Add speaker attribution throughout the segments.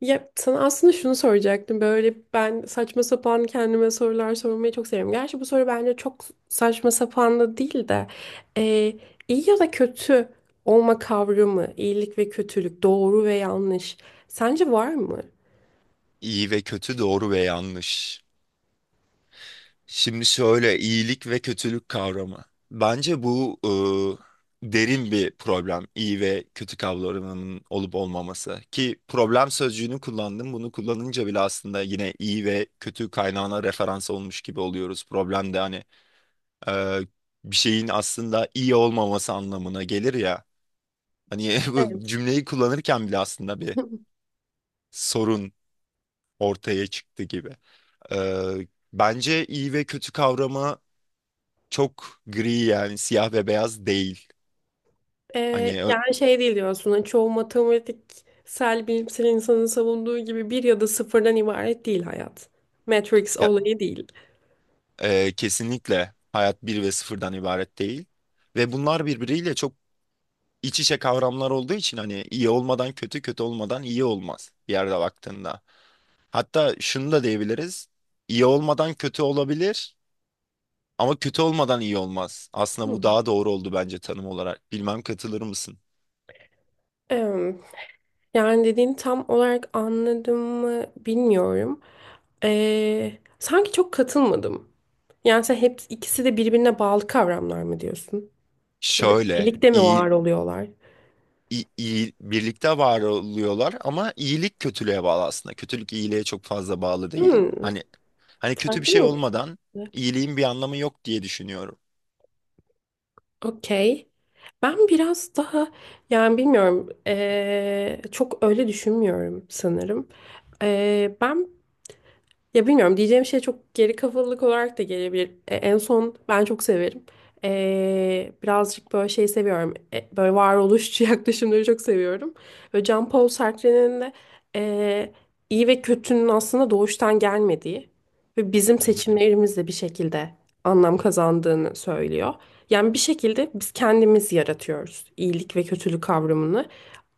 Speaker 1: Ya sana aslında şunu soracaktım. Böyle ben saçma sapan kendime sorular sormayı çok seviyorum. Gerçi bu soru bence çok saçma sapan da değil de e, iyi ya da kötü olma kavramı, iyilik ve kötülük, doğru ve yanlış. Sence var mı?
Speaker 2: İyi ve kötü, doğru ve yanlış. Şimdi şöyle iyilik ve kötülük kavramı. Bence bu derin bir problem. İyi ve kötü kavramının olup olmaması. Ki problem sözcüğünü kullandım. Bunu kullanınca bile aslında yine iyi ve kötü kaynağına referans olmuş gibi oluyoruz. Problem de hani e, bir şeyin aslında iyi olmaması anlamına gelir ya. Hani bu
Speaker 1: Evet.
Speaker 2: cümleyi kullanırken bile aslında bir sorun ortaya çıktı gibi. Bence iyi ve kötü kavramı çok gri, yani siyah ve beyaz değil.
Speaker 1: E,
Speaker 2: Hani ö-
Speaker 1: yani şey değil diyorsun. Hani çoğu matematiksel bilimsel insanın savunduğu gibi bir ya da sıfırdan ibaret değil hayat. Matrix
Speaker 2: ya-
Speaker 1: olayı değil.
Speaker 2: Kesinlikle hayat bir ve sıfırdan ibaret değil. Ve bunlar birbiriyle çok iç içe kavramlar olduğu için hani iyi olmadan kötü, kötü olmadan iyi olmaz bir yerde baktığında. Hatta şunu da diyebiliriz. İyi olmadan kötü olabilir ama kötü olmadan iyi olmaz. Aslında bu daha doğru oldu bence tanım olarak. Bilmem katılır mısın?
Speaker 1: Hı. Yani dediğini tam olarak anladım mı bilmiyorum. Sanki çok katılmadım. Yani sen hep ikisi de birbirine bağlı kavramlar mı diyorsun? Ya da
Speaker 2: Şöyle,
Speaker 1: birlikte mi
Speaker 2: iyi,
Speaker 1: var oluyorlar?
Speaker 2: i- iyi, birlikte var oluyorlar ama iyilik kötülüğe bağlı aslında. Kötülük iyiliğe çok fazla bağlı değil.
Speaker 1: Hmm,
Speaker 2: Hani hani kötü
Speaker 1: farklı
Speaker 2: bir şey
Speaker 1: bir bakış
Speaker 2: olmadan
Speaker 1: açısı.
Speaker 2: iyiliğin bir anlamı yok diye düşünüyorum.
Speaker 1: Okey. Ben biraz daha, yani bilmiyorum, çok öyle düşünmüyorum sanırım. Ben Ya, bilmiyorum diyeceğim şey çok geri kafalılık olarak da gelebilir. En son ben çok severim. Birazcık böyle şey seviyorum. Böyle varoluşçu yaklaşımları çok seviyorum. Böyle Jean-Paul Sartre'nin de e, iyi ve kötünün aslında doğuştan gelmediği ve bizim
Speaker 2: Hı hı.
Speaker 1: seçimlerimizle bir şekilde anlam kazandığını söylüyor. Yani bir şekilde biz kendimiz yaratıyoruz iyilik ve kötülük kavramını,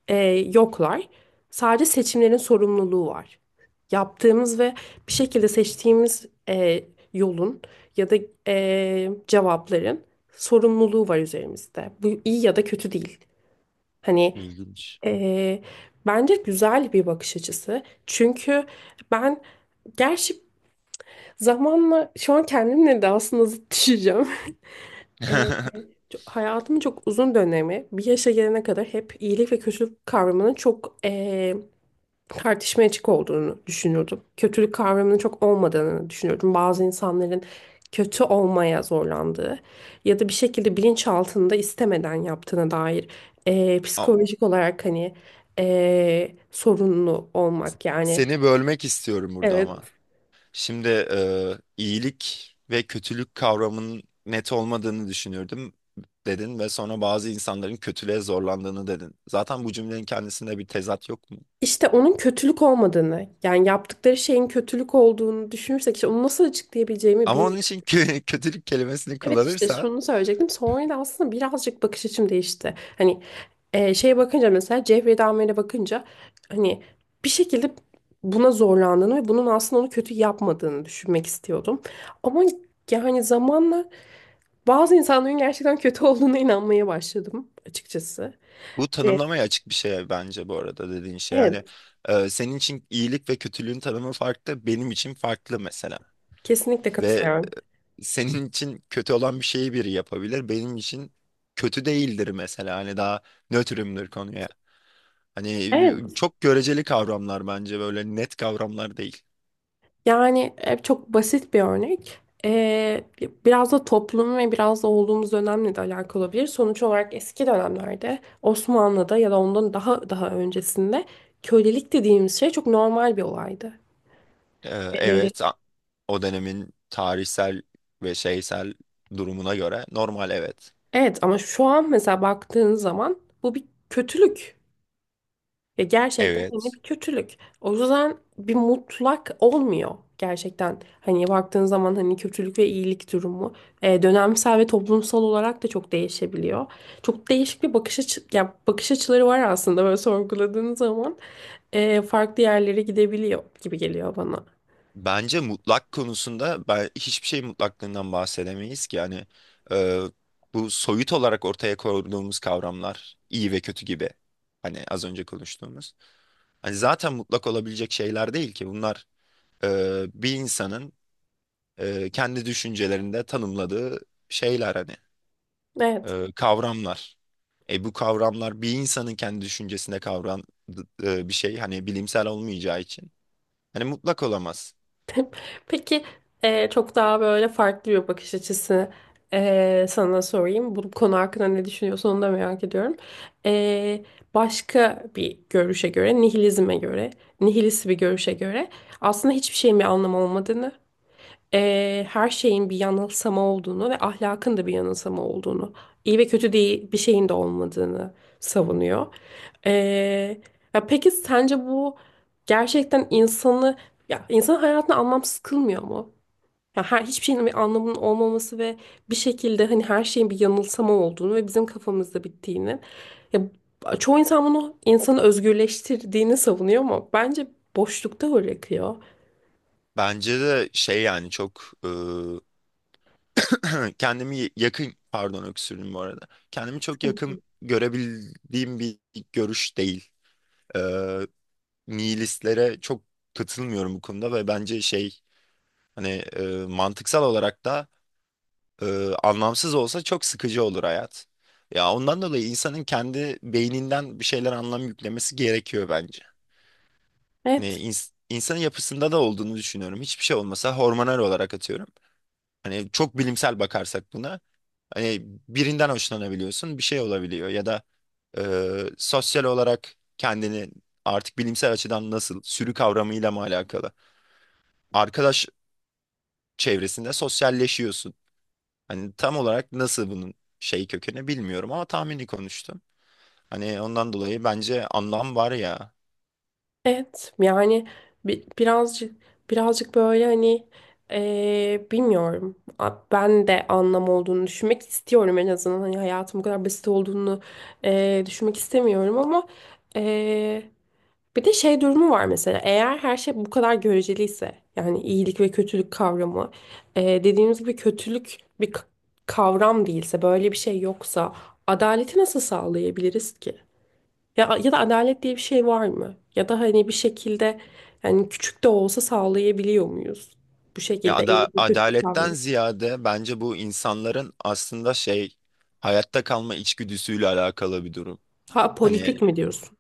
Speaker 1: e, yoklar. Sadece seçimlerin sorumluluğu var. Yaptığımız ve bir şekilde seçtiğimiz yolun ya da cevapların sorumluluğu var üzerimizde. Bu iyi ya da kötü değil. Hani
Speaker 2: İlginç.
Speaker 1: e, bence güzel bir bakış açısı. Çünkü ben, gerçi zamanla şu an kendimle de aslında zıt düşeceğim. E,
Speaker 2: Am-
Speaker 1: Hayatımın çok uzun dönemi bir yaşa gelene kadar hep iyilik ve kötülük kavramının çok tartışmaya açık olduğunu düşünüyordum. Kötülük kavramının çok olmadığını düşünüyordum. Bazı insanların kötü olmaya zorlandığı ya da bir şekilde bilinçaltında istemeden yaptığına dair, psikolojik olarak, hani, sorunlu olmak yani.
Speaker 2: Seni bölmek istiyorum burada ama.
Speaker 1: Evet,
Speaker 2: Şimdi iyilik ve kötülük kavramının net olmadığını düşünürdüm dedin ve sonra bazı insanların kötülüğe zorlandığını dedin. Zaten bu cümlenin kendisinde bir tezat yok mu?
Speaker 1: işte onun kötülük olmadığını, yani yaptıkları şeyin kötülük olduğunu düşünürsek, işte onu nasıl açıklayabileceğimi
Speaker 2: Ama onun
Speaker 1: bilmiyorum.
Speaker 2: için kötülük kelimesini
Speaker 1: Evet, işte
Speaker 2: kullanırsan.
Speaker 1: şunu söyleyecektim. Sonra da aslında birazcık bakış açım değişti. Hani, şeye bakınca, mesela Cevriye Damir'e bakınca, hani, bir şekilde buna zorlandığını ve bunun aslında onu kötü yapmadığını düşünmek istiyordum. Ama yani zamanla bazı insanların gerçekten kötü olduğuna inanmaya başladım açıkçası.
Speaker 2: Bu
Speaker 1: Evet,
Speaker 2: tanımlamaya açık bir şey bence bu arada dediğin şey. Yani
Speaker 1: evet,
Speaker 2: senin için iyilik ve kötülüğün tanımı farklı, benim için farklı mesela.
Speaker 1: kesinlikle
Speaker 2: Ve
Speaker 1: katılıyorum.
Speaker 2: senin için kötü olan bir şeyi biri yapabilir, benim için kötü değildir mesela. Hani daha nötrümdür konuya. Hani
Speaker 1: Evet.
Speaker 2: çok göreceli kavramlar, bence böyle net kavramlar değil.
Speaker 1: Yani çok basit bir örnek. E, biraz da toplum ve biraz da olduğumuz dönemle de alakalı olabilir. Sonuç olarak eski dönemlerde Osmanlı'da ya da ondan daha daha öncesinde kölelik dediğimiz şey çok normal bir olaydı.
Speaker 2: Ee,
Speaker 1: Ee,
Speaker 2: evet a- O dönemin tarihsel ve şeysel durumuna göre normal, evet.
Speaker 1: Evet, ama şu an mesela baktığın zaman bu bir kötülük. Ya gerçekten, hani,
Speaker 2: Evet.
Speaker 1: bir kötülük. O yüzden bir mutlak olmuyor gerçekten. Hani baktığın zaman, hani, kötülük ve iyilik durumu dönemsel ve toplumsal olarak da çok değişebiliyor. Çok değişik bir bakış açı, ya, bakış açıları var aslında böyle sorguladığın zaman, farklı yerlere gidebiliyor gibi geliyor bana.
Speaker 2: Bence mutlak konusunda ben hiçbir şey mutlaklığından bahsedemeyiz ki, yani e, bu soyut olarak ortaya koyduğumuz kavramlar iyi ve kötü gibi. Hani az önce konuştuğumuz. Hani zaten mutlak olabilecek şeyler değil ki bunlar, bir insanın kendi düşüncelerinde tanımladığı şeyler, hani
Speaker 1: Evet.
Speaker 2: kavramlar. E bu kavramlar bir insanın kendi düşüncesinde kavran bir şey hani bilimsel olmayacağı için hani mutlak olamaz.
Speaker 1: Peki, çok daha böyle farklı bir bakış açısı, sana sorayım. Bu konu hakkında ne düşünüyorsun, onu da merak ediyorum. E, başka bir görüşe göre, nihilizme göre, nihilist bir görüşe göre aslında hiçbir şeyin bir anlamı olmadığını, her şeyin bir yanılsama olduğunu ve ahlakın da bir yanılsama olduğunu, iyi ve kötü değil bir şeyin de olmadığını savunuyor. Eee, ya peki sence bu gerçekten insanı, ya insanın hayatını anlamsız kılmıyor mu? Ya her, hiçbir şeyin bir anlamının olmaması ve bir şekilde, hani, her şeyin bir yanılsama olduğunu ve bizim kafamızda bittiğini. Ya çoğu insan bunu insanı özgürleştirdiğini savunuyor ama bence boşlukta bırakıyor.
Speaker 2: Bence de şey, yani çok e, kendimi yakın, pardon öksürdüm bu arada. Kendimi çok yakın
Speaker 1: Sıkıntı.
Speaker 2: görebildiğim bir görüş değil. E, Nihilistlere çok katılmıyorum bu konuda ve bence şey, hani mantıksal olarak da e, anlamsız olsa çok sıkıcı olur hayat. Ya ondan dolayı insanın kendi beyninden bir şeyler anlam yüklemesi gerekiyor bence. Hani
Speaker 1: Evet.
Speaker 2: insanın yapısında da olduğunu düşünüyorum. Hiçbir şey olmasa hormonal olarak atıyorum. Hani çok bilimsel bakarsak buna, hani birinden hoşlanabiliyorsun, bir şey olabiliyor ya da e, sosyal olarak kendini artık bilimsel açıdan nasıl sürü kavramıyla mı alakalı? Arkadaş çevresinde sosyalleşiyorsun. Hani tam olarak nasıl bunun şey kökeni bilmiyorum ama tahmini konuştum. Hani ondan dolayı bence anlam var ya.
Speaker 1: Evet, yani bi- birazcık birazcık böyle, hani, bilmiyorum, ben de anlam olduğunu düşünmek istiyorum, en azından hani hayatım bu kadar basit olduğunu, düşünmek istemiyorum, ama eee, bir de şey durumu var, mesela eğer her şey bu kadar göreceliyse, yani iyilik ve kötülük kavramı, dediğimiz gibi kötülük bir kavram değilse, böyle bir şey yoksa, adaleti nasıl sağlayabiliriz ki? Ya, ya da adalet diye bir şey var mı? Ya da hani bir şekilde, yani küçük de olsa sağlayabiliyor muyuz? Bu
Speaker 2: Ya
Speaker 1: şekilde elini kötü
Speaker 2: adaletten
Speaker 1: kalmıyor.
Speaker 2: ziyade bence bu insanların aslında şey hayatta kalma içgüdüsüyle alakalı bir durum.
Speaker 1: Ha,
Speaker 2: Hani
Speaker 1: politik mi diyorsun?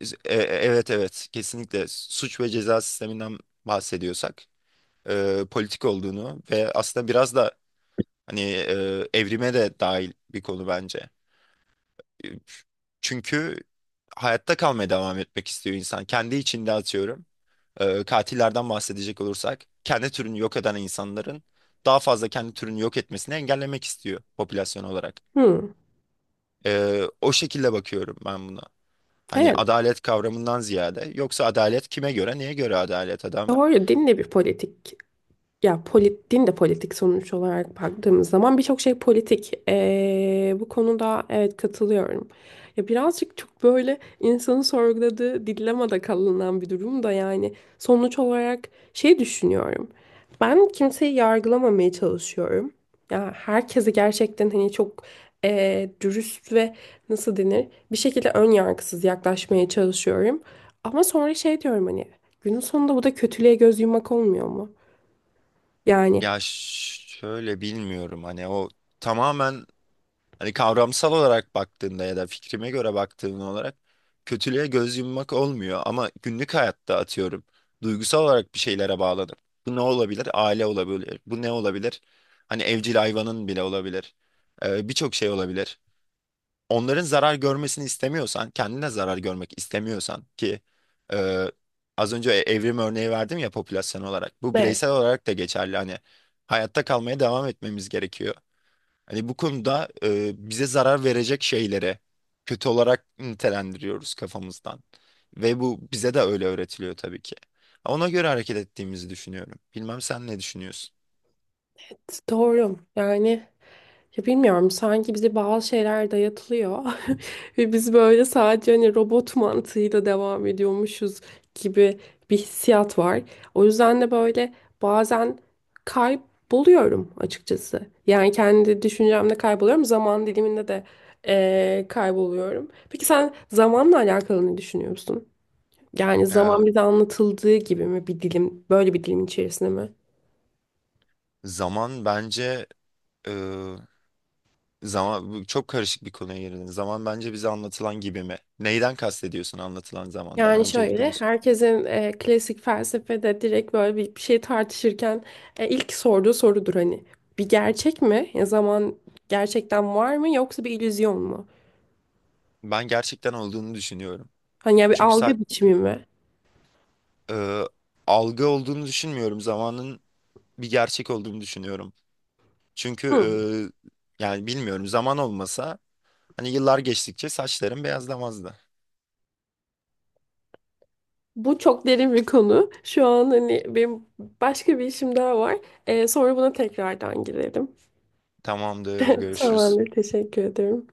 Speaker 2: evet, kesinlikle suç ve ceza sisteminden bahsediyorsak politik olduğunu ve aslında biraz da hani evrime de dahil bir konu bence. E, Çünkü hayatta kalmaya devam etmek istiyor insan. Kendi içinde atıyorum, katillerden bahsedecek olursak kendi türünü yok eden insanların daha fazla kendi türünü yok etmesini engellemek istiyor popülasyon olarak.
Speaker 1: Hmm,
Speaker 2: O şekilde bakıyorum ben buna. Hani
Speaker 1: evet.
Speaker 2: adalet kavramından ziyade, yoksa adalet kime göre neye göre adalet adam?
Speaker 1: Doğru, din de bir politik. Ya, din de politik, sonuç olarak baktığımız zaman birçok şey politik. Bu konuda evet, katılıyorum. Ya birazcık çok böyle insanın sorguladığı, dilemmada kalınan bir durum da, yani sonuç olarak şey düşünüyorum. Ben kimseyi yargılamamaya çalışıyorum. Ya herkesi gerçekten, hani, çok dürüst ve, nasıl denir, bir şekilde ön yargısız yaklaşmaya çalışıyorum. Ama sonra şey diyorum, hani, günün sonunda bu da kötülüğe göz yummak olmuyor mu? Yani,
Speaker 2: Ya şöyle bilmiyorum, hani o tamamen, hani kavramsal olarak baktığında ya da fikrime göre baktığın olarak kötülüğe göz yummak olmuyor ama günlük hayatta atıyorum duygusal olarak bir şeylere bağladım. Bu ne olabilir? Aile olabilir. Bu ne olabilir? Hani evcil hayvanın bile olabilir. Birçok şey olabilir. Onların zarar görmesini istemiyorsan, kendine zarar görmek istemiyorsan ki e, az önce evrim örneği verdim ya popülasyon olarak. Bu
Speaker 1: evet,
Speaker 2: bireysel olarak da geçerli. Hani hayatta kalmaya devam etmemiz gerekiyor. Hani bu konuda bize zarar verecek şeylere kötü olarak nitelendiriyoruz kafamızdan. Ve bu bize de öyle öğretiliyor tabii ki. Ona göre hareket ettiğimizi düşünüyorum. Bilmem sen ne düşünüyorsun?
Speaker 1: evet, doğru. Yani ya bilmiyorum, sanki bize bazı şeyler dayatılıyor ve biz böyle sadece hani robot mantığıyla devam ediyormuşuz gibi bir hissiyat var. O yüzden de böyle bazen kayboluyorum açıkçası. Yani kendi düşüncemde kayboluyorum, zaman diliminde de kayboluyorum. Peki sen zamanla alakalı ne düşünüyorsun? Yani
Speaker 2: Ee,
Speaker 1: zaman bize anlatıldığı gibi mi, bir dilim, böyle bir dilim içerisinde mi?
Speaker 2: zaman bence e, Zaman bu çok karışık bir konuya girdin. Zaman bence bize anlatılan gibi mi? Neyden kastediyorsun anlatılan zamandan?
Speaker 1: Yani
Speaker 2: Öncelikle
Speaker 1: şöyle,
Speaker 2: onu
Speaker 1: herkesin klasik felsefede direkt böyle bir şey tartışırken ilk sorduğu sorudur, hani bir gerçek mi? Ya zaman gerçekten var mı, yoksa bir illüzyon mu?
Speaker 2: Ben gerçekten olduğunu düşünüyorum.
Speaker 1: Hani, ya bir
Speaker 2: Çünkü
Speaker 1: algı biçimi mi?
Speaker 2: e, algı olduğunu düşünmüyorum. Zamanın bir gerçek olduğunu düşünüyorum. Çünkü
Speaker 1: Hı.
Speaker 2: yani bilmiyorum, zaman olmasa hani yıllar geçtikçe saçlarım beyazlamazdı.
Speaker 1: Bu çok derin bir konu. Şu an hani benim başka bir işim daha var. Sonra buna tekrardan girelim.
Speaker 2: Tamamdır, görüşürüz.
Speaker 1: Tamamdır, teşekkür ederim.